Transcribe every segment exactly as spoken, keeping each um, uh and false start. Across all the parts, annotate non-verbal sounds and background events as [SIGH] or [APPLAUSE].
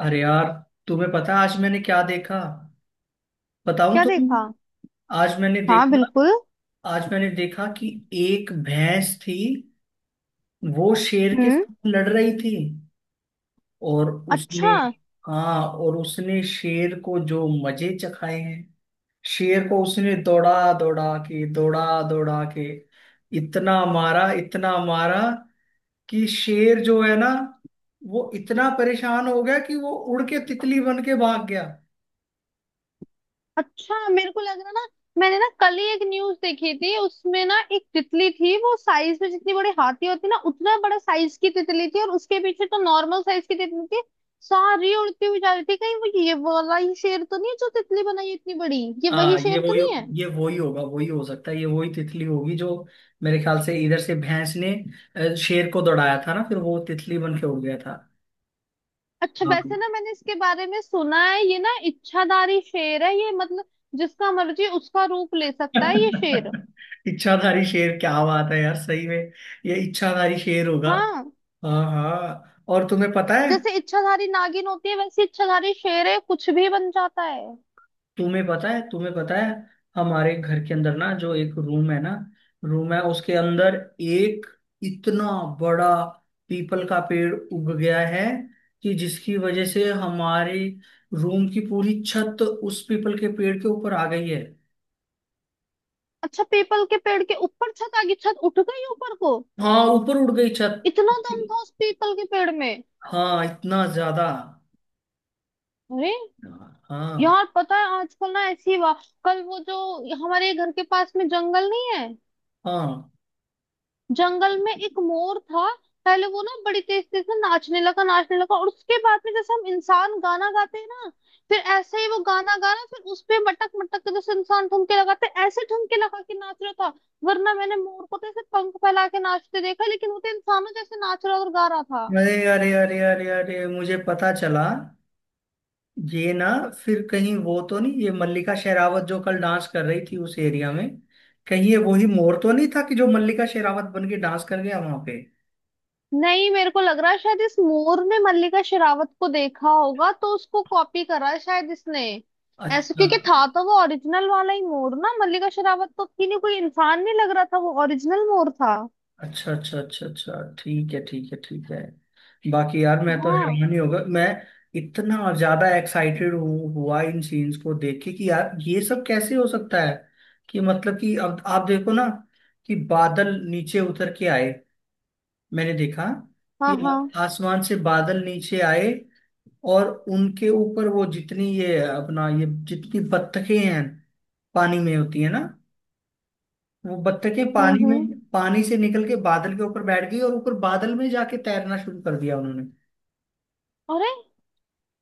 अरे यार। तुम्हें पता है आज मैंने क्या देखा? बताऊं क्या तो देखा। तुम? आज मैंने हाँ देखा बिल्कुल। आज मैंने देखा कि एक भैंस थी, वो शेर के हम्म। साथ लड़ रही थी। और उसने अच्छा। हाँ, और उसने शेर को जो मजे चखाए हैं। शेर को उसने दौड़ा दौड़ा के दौड़ा दौड़ा के इतना मारा इतना मारा कि शेर जो है ना, वो इतना परेशान हो गया कि वो उड़ के तितली बन के भाग गया। अच्छा, मेरे को लग रहा ना, मैंने ना कल ही एक न्यूज देखी थी, उसमें ना एक तितली थी। वो साइज में जितनी बड़ी हाथी होती ना, उतना बड़ा साइज की तितली थी, और उसके पीछे तो नॉर्मल साइज की तितली थी। सारी उड़ती हुई जा रही थी। कहीं वो ये वाला ही शेर तो नहीं है जो तितली बनाई है इतनी बड़ी। ये वही हाँ, ये शेर तो वही नहीं है। ये वही होगा, वही हो सकता है। ये वही तितली होगी जो, मेरे ख्याल से, इधर से भैंस ने अ, शेर को दौड़ाया था ना, फिर वो तितली बन के उड़ गया था। अच्छा हाँ। वैसे ना, मैंने इसके बारे में सुना है, ये ना इच्छाधारी शेर है ये, मतलब जिसका मर्जी उसका रूप ले [LAUGHS] सकता है ये शेर। इच्छाधारी शेर, क्या बात है यार, सही में। ये इच्छाधारी शेर होगा। हाँ, हाँ हाँ। और तुम्हें पता है जैसे इच्छाधारी नागिन होती है, वैसे इच्छाधारी शेर है, कुछ भी बन जाता है। तुम्हें पता है तुम्हें पता है हमारे घर के अंदर ना जो एक रूम है ना, रूम है उसके अंदर एक इतना बड़ा पीपल का पेड़ उग गया है कि जिसकी वजह से हमारे रूम की पूरी छत उस पीपल के पेड़ के ऊपर आ गई है। अच्छा, पीपल के पेड़ के ऊपर छत आ गई, छत उठ गई ऊपर को। हाँ, ऊपर उड़ गई छत। इतना दम था उस पीपल के पेड़ में। हाँ, इतना ज्यादा। अरे हाँ हाँ यार पता है, आजकल ना ऐसी वा, कल वो जो हमारे घर के पास में जंगल नहीं है, हाँ। जंगल में एक मोर था। पहले वो ना बड़ी तेज तेज से नाचने लगा नाचने लगा, और उसके बाद में जैसे हम इंसान गाना गाते हैं ना, फिर ऐसे ही वो गाना गाना, फिर उस पे मटक मटक के जैसे इंसान ठुमके लगाते हैं, ऐसे ठुमके लगा के नाच रहा था। वरना मैंने मोर को तो ऐसे पंख फैला के नाचते देखा, लेकिन वो तो इंसानों जैसे नाच रहा और गा रहा था। अरे अरे अरे अरे अरे मुझे पता चला। ये ना, फिर कहीं वो तो नहीं, ये मल्लिका शेरावत जो कल डांस कर रही थी उस एरिया में? कहीं ये वही मोर तो नहीं था कि जो मल्लिका शेरावत बन के डांस कर गया वहां पे? नहीं, मेरे को लग रहा है शायद इस मोर ने मल्लिका शेरावत को देखा होगा, तो उसको कॉपी करा है शायद इसने ऐसे। अच्छा क्योंकि था तो वो ओरिजिनल वाला ही मोर ना, मल्लिका शेरावत तो की नहीं, कोई इंसान नहीं लग रहा था, वो ओरिजिनल मोर था। अच्छा अच्छा अच्छा अच्छा। ठीक है ठीक है ठीक है। बाकी यार मैं तो हाँ हैरान ही होगा मैं। इतना ज्यादा एक्साइटेड हूँ हुआ इन सीन्स को देख के कि यार ये सब कैसे हो सकता है? कि मतलब कि अब आप देखो ना कि बादल नीचे उतर के आए। मैंने देखा हाँ कि हाँ आसमान से बादल नीचे आए और उनके ऊपर वो जितनी ये अपना ये जितनी बत्तखें हैं, पानी में होती है ना, वो बत्तखें पानी हम्म। हम्म। में पानी से निकल के बादल के ऊपर बैठ गई और ऊपर बादल में जाके तैरना शुरू कर दिया उन्होंने। अरे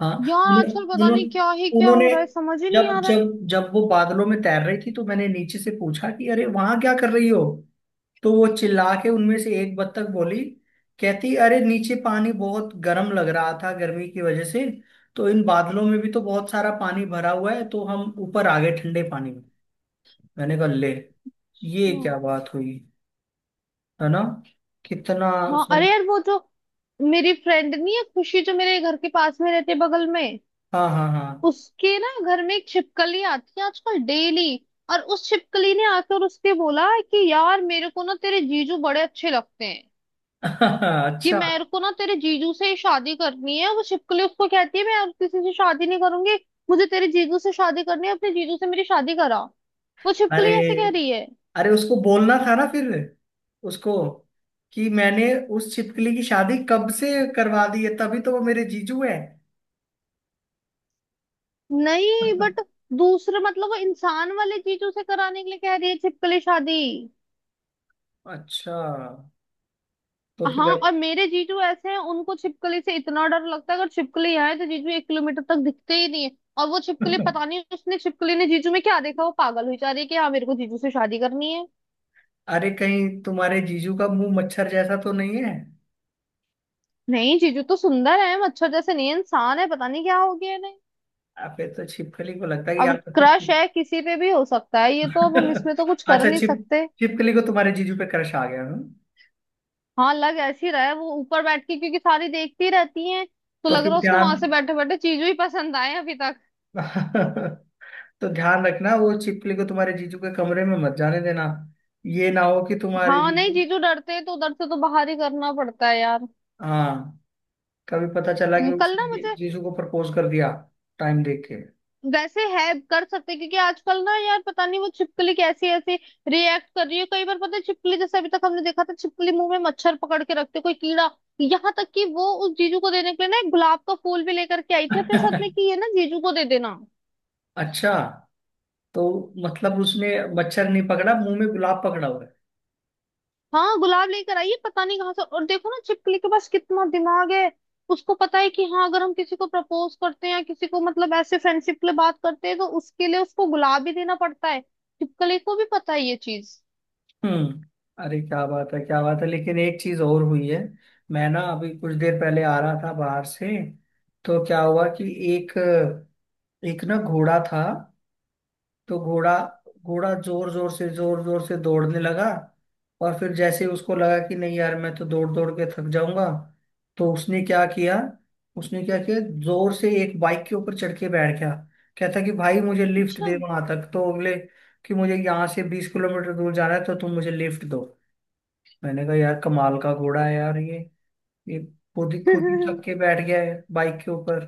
हाँ। यार उन्हें- आजकल पता नहीं उन्होंने क्या ही क्या उन्होंने हो रहा है, समझ ही नहीं आ जब रहा है। जब जब वो बादलों में तैर रही थी तो मैंने नीचे से पूछा कि अरे वहां क्या कर रही हो? तो वो चिल्ला के, उनमें से एक बत्तख बोली, कहती अरे नीचे पानी बहुत गर्म लग रहा था गर्मी की वजह से, तो इन बादलों में भी तो बहुत सारा पानी भरा हुआ है तो हम ऊपर आ गए ठंडे पानी में। मैंने कहा, ले! ये हम्म, क्या बात हुई? है ना, कितना हाँ सही। अरे यार, वो जो मेरी फ्रेंड नहीं है खुशी, जो मेरे घर के पास में रहते बगल में, हाँ हाँ हाँ। उसके ना घर में एक छिपकली आती है आजकल डेली। और उस छिपकली ने आकर उसके बोला कि यार, मेरे को ना तेरे जीजू बड़े अच्छे लगते हैं, [LAUGHS] कि अच्छा। मेरे को ना तेरे जीजू से ही शादी करनी है। वो छिपकली उसको कहती है, मैं और किसी से शादी नहीं करूंगी, मुझे तेरे जीजू से शादी करनी है, अपने जीजू से मेरी शादी करा। वो छिपकली अरे, ऐसे कह रही है। अरे उसको बोलना था ना फिर उसको कि मैंने उस छिपकली की शादी कब से करवा दी है, तभी तो वो मेरे जीजू है। नहीं बट, [LAUGHS] दूसरे मतलब वो इंसान वाले जीजू से कराने के लिए कह रही है छिपकली शादी। अच्छा तो फिर? हाँ, और मेरे जीजू ऐसे हैं, उनको छिपकली से इतना डर लगता है, अगर छिपकली आए तो जीजू एक किलोमीटर तक दिखते ही नहीं है। और वो छिपकली अरे पता नहीं, उसने छिपकली ने जीजू में क्या देखा, वो पागल हुई जा रही है कि हाँ मेरे को जीजू से शादी करनी है। कहीं तुम्हारे जीजू का मुंह मच्छर जैसा तो नहीं है? नहीं, जीजू तो सुंदर है, मच्छर जैसे नहीं है, इंसान है, पता नहीं क्या हो गया है नहीं। आ, फिर तो छिपकली को लगता है कि अब आप तो फिर। क्रश है, किसी पे भी हो सकता है ये, तो अब हम [LAUGHS] इसमें तो कुछ कर अच्छा। नहीं छिप सकते। छिपकली को तुम्हारे जीजू पे क्रश आ गया हूँ। हाँ, लग ऐसी रहा है वो ऊपर बैठ के क्योंकि सारी देखती रहती है, तो तो लग फिर रहा है उसको ध्यान वहां से बैठे बैठे जीजू ही पसंद आए हैं अभी तक। [LAUGHS] तो ध्यान रखना, वो छिपकली को तुम्हारे जीजू के कमरे में मत जाने देना। ये ना हो कि तुम्हारे हाँ नहीं, जीजू, जीजू डरते हैं तो उधर से तो बाहर ही करना पड़ता है यार। हाँ, कभी पता चला कि हम्म, कल उसने ना जी- मुझे, जीजू को प्रपोज कर दिया टाइम देख के। वैसे है कर सकते हैं, क्योंकि आजकल ना यार पता नहीं वो छिपकली कैसी ऐसी रिएक्ट कर रही है। कई बार पता है, छिपकली जैसे अभी तक हमने देखा था, छिपकली मुंह में मच्छर पकड़ के रखते, कोई कीड़ा। यहाँ तक कि वो उस जीजू को देने के लिए ना एक गुलाब का फूल भी लेकर के आई थी अपने साथ में, [LAUGHS] कि ये ना जीजू को दे देना। अच्छा। तो मतलब उसने मच्छर नहीं पकड़ा, मुंह में गुलाब पकड़ा। हाँ, गुलाब लेकर आई है पता नहीं कहाँ से। और देखो ना, छिपकली के पास कितना दिमाग है। उसको पता है कि हाँ, अगर हम किसी को प्रपोज करते हैं या किसी को मतलब ऐसे फ्रेंडशिप के लिए बात करते हैं, तो उसके लिए उसको गुलाब भी देना पड़ता है। छिपकली को भी पता है ये चीज। हम्म। अरे क्या बात है, क्या बात है। लेकिन एक चीज और हुई है। मैं ना अभी कुछ देर पहले आ रहा था बाहर से, तो क्या हुआ कि एक एक ना घोड़ा था। तो घोड़ा घोड़ा जोर जोर से जोर जोर से दौड़ने लगा, और फिर जैसे उसको लगा कि नहीं यार मैं तो दौड़ दौड़ के थक जाऊंगा, तो उसने क्या किया, उसने क्या किया, जोर से एक बाइक के ऊपर चढ़ के बैठ गया। कहता कि भाई मुझे लिफ्ट अच्छा। दे वहां तक, तो बोले कि मुझे यहाँ से बीस किलोमीटर दूर जाना है तो तुम मुझे लिफ्ट दो। मैंने कहा यार कमाल का घोड़ा है यार ये। ये खुद ही खुद ही चक के [LAUGHS] बैठ गया है बाइक के ऊपर।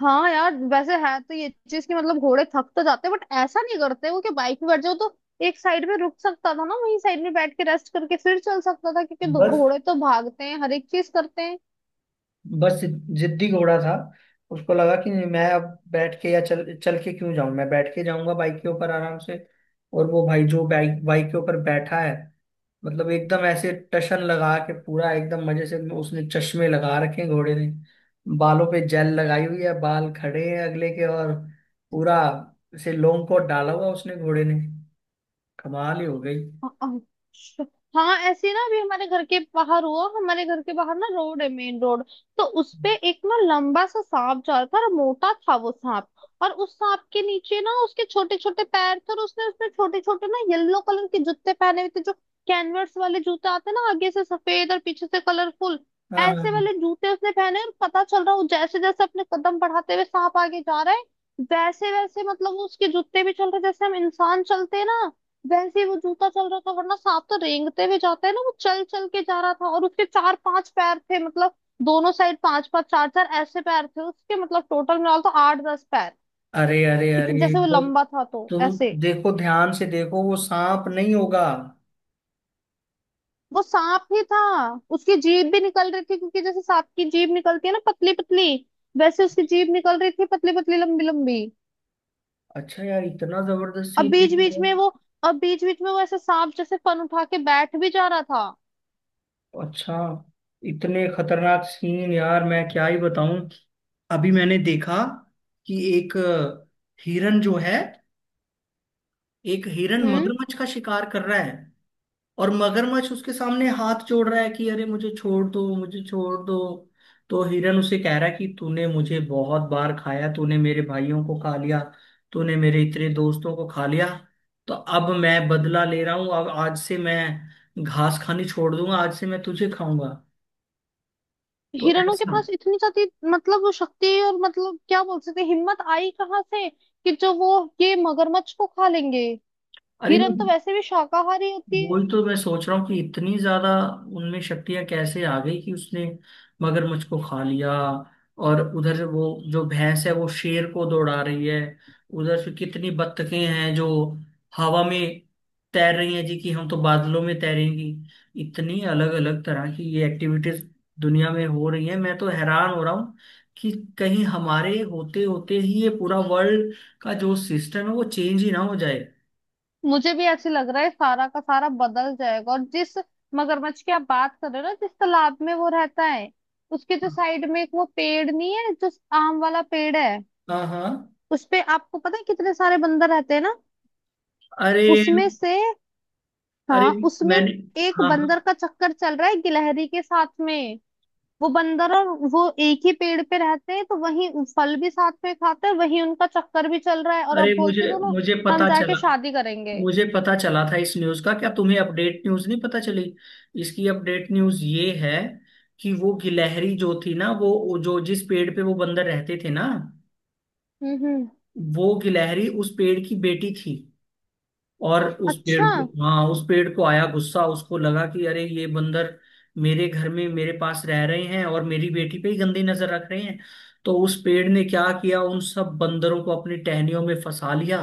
हाँ यार, वैसे है तो ये चीज की मतलब, घोड़े थक तो जाते हैं बट ऐसा नहीं करते वो कि बाइक में बैठ जाओ तो। एक साइड में रुक सकता था ना, वहीं साइड में बैठ के रेस्ट करके फिर चल सकता था, क्योंकि बस घोड़े तो भागते हैं हर एक चीज करते हैं। बस जिद्दी घोड़ा था। उसको लगा कि नहीं, मैं अब बैठ के या चल चल के क्यों जाऊं, मैं बैठ के जाऊंगा बाइक के ऊपर आराम से। और वो भाई जो बाइक बाइक के ऊपर बैठा है, मतलब एकदम ऐसे टशन लगा के पूरा एकदम मजे से उसने चश्मे लगा रखे हैं घोड़े ने। बालों पे जेल लगाई हुई है, बाल खड़े हैं अगले के, और पूरा से लोम कोट डाला हुआ उसने घोड़े ने। कमाल ही हो गई। अच्छा। हाँ ऐसे ही ना, अभी हमारे घर के बाहर हुआ। हमारे घर के बाहर ना रोड है, मेन रोड, तो उस पे एक ना लंबा सा सांप जा रहा था, और मोटा था वो सांप। और उस सांप के नीचे ना उसके छोटे छोटे पैर थे, और उसने उसमें छोटे छोटे ना येलो कलर के जूते पहने हुए थे, जो कैनवस वाले जूते आते हैं ना, आगे से सफेद और पीछे से कलरफुल, हाँ ऐसे हाँ। वाले जूते उसने पहने। और पता चल रहा, वो जैसे जैसे अपने कदम बढ़ाते हुए सांप आगे जा रहा है, वैसे वैसे मतलब वो उसके जूते भी चल रहे, जैसे हम इंसान चलते हैं ना, वैसे ही वो जूता चल रहा था। वरना सांप तो रेंगते हुए जाता है ना, वो चल चल के जा रहा था। और उसके चार पांच पैर थे, मतलब दोनों साइड पांच पांच चार चार ऐसे पैर थे उसके, मतलब टोटल मिला तो आठ दस पैर। अरे अरे इतने अरे जैसे वो वो, लंबा था तो तुम ऐसे। देखो ध्यान से देखो, वो सांप नहीं होगा। वो सांप ही था, उसकी जीभ भी निकल रही थी, क्योंकि जैसे सांप की जीभ निकलती है ना पतली पतली, वैसे उसकी जीभ निकल रही थी पतली पतली लंबी लंबी। अच्छा यार इतना जबरदस्त अब सीन देख बीच बीच रहे हो। में वो अब बीच बीच में वो ऐसे सांप जैसे फन उठा के बैठ भी जा रहा था। अच्छा। इतने खतरनाक सीन यार मैं क्या ही बताऊं। अभी मैंने देखा कि एक हिरन जो है, एक हिरन हम्म। मगरमच्छ का शिकार कर रहा है। और मगरमच्छ उसके सामने हाथ जोड़ रहा है कि अरे मुझे छोड़ दो, मुझे छोड़ दो। तो हिरन उसे कह रहा है कि तूने मुझे बहुत बार खाया, तूने मेरे भाइयों को खा लिया, तूने मेरे इतने दोस्तों को खा लिया, तो अब मैं बदला ले रहा हूं। अब आज से मैं घास खानी छोड़ दूंगा, आज से मैं तुझे खाऊंगा। तो हिरणों के ऐसा। पास इतनी ज्यादा, मतलब वो शक्ति और मतलब क्या बोल सकते हैं, हिम्मत आई कहाँ से कि जो वो ये मगरमच्छ को खा लेंगे। अरे हिरन तो वैसे भी शाकाहारी होती है। वही तो मैं सोच रहा हूँ कि इतनी ज्यादा उनमें शक्तियां कैसे आ गई कि उसने मगरमच्छ को खा लिया। और उधर वो जो भैंस है वो शेर को दौड़ा रही है। उधर से कितनी बत्तखें हैं जो हवा में तैर रही हैं जी कि हम तो बादलों में तैरेंगी। इतनी अलग अलग तरह की ये एक्टिविटीज दुनिया में हो रही है। मैं तो हैरान हो रहा हूँ कि कहीं हमारे होते होते ही ये पूरा वर्ल्ड का जो सिस्टम है वो चेंज ही ना हो जाए। मुझे भी ऐसे लग रहा है सारा का सारा बदल जाएगा। और जिस मगरमच्छ की आप बात कर रहे हो ना, जिस तालाब में वो रहता है, उसके जो साइड में एक वो पेड़ नहीं है जो आम वाला पेड़ है, हाँ हाँ। उस पे आपको पता है कितने सारे बंदर रहते हैं ना। अरे उसमें से, अरे। हाँ उसमें मैंने एक हाँ हाँ। बंदर का चक्कर चल रहा है गिलहरी के साथ में। वो बंदर और वो एक ही पेड़ पे रहते हैं, तो वही फल भी साथ में खाते हैं, वही उनका चक्कर भी चल रहा है। और अरे अब मुझे बोलते हैं दोनों मुझे हम पता चला जाके शादी करेंगे। मुझे पता चला था इस न्यूज़ का, क्या तुम्हें अपडेट न्यूज़ नहीं पता चली? इसकी अपडेट न्यूज़ ये है कि वो गिलहरी जो थी ना, वो वो जो जिस पेड़ पे वो बंदर रहते थे ना, हम्म हम्म वो गिलहरी उस पेड़ की बेटी थी। और उस पेड़ अच्छा। को, हाँ, उस पेड़ को आया गुस्सा। उसको लगा कि अरे ये बंदर मेरे घर में मेरे पास रह रहे हैं और मेरी बेटी पे ही गंदी नजर रख रहे हैं। तो उस पेड़ ने क्या किया, उन सब बंदरों को अपनी टहनियों में फंसा लिया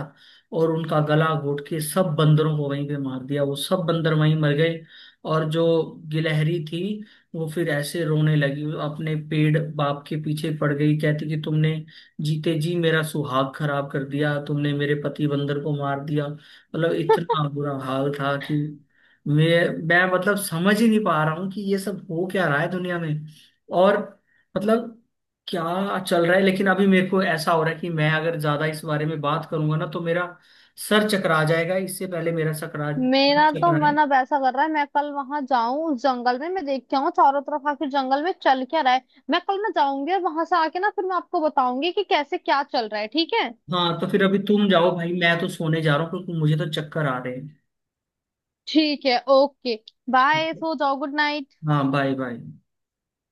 और उनका गला घोट के सब बंदरों को वहीं पे मार दिया, वो सब बंदर वहीं मर गए। और जो गिलहरी थी, वो फिर ऐसे रोने लगी, अपने पेड़ बाप के पीछे पड़ गई, कहती कि तुमने जीते जी मेरा सुहाग खराब कर दिया, तुमने मेरे पति बंदर को मार दिया। मतलब इतना बुरा हाल था कि मैं मैं मतलब समझ ही नहीं पा रहा हूँ कि ये सब हो क्या रहा है दुनिया में और, मतलब क्या चल रहा है। लेकिन अभी मेरे को ऐसा हो रहा है कि मैं अगर ज्यादा इस बारे में बात करूंगा ना तो मेरा सर चकरा जाएगा, इससे पहले मेरा सकरा मेरा तो चकराए। मन अब ऐसा कर रहा है मैं कल वहां जाऊं, उस जंगल में मैं देख के आऊं चारों तरफ, आखिर जंगल में चल क्या रहा है। मैं कल ना जाऊंगी, और वहां से आके ना फिर मैं आपको बताऊंगी कि कैसे क्या चल रहा है, ठीक है। हाँ तो फिर अभी तुम जाओ भाई, मैं तो सोने जा रहा हूँ क्योंकि मुझे तो चक्कर आ रहे ठीक है, ओके। बाय, हैं। सो जाओ, गुड नाइट। हाँ बाय बाय।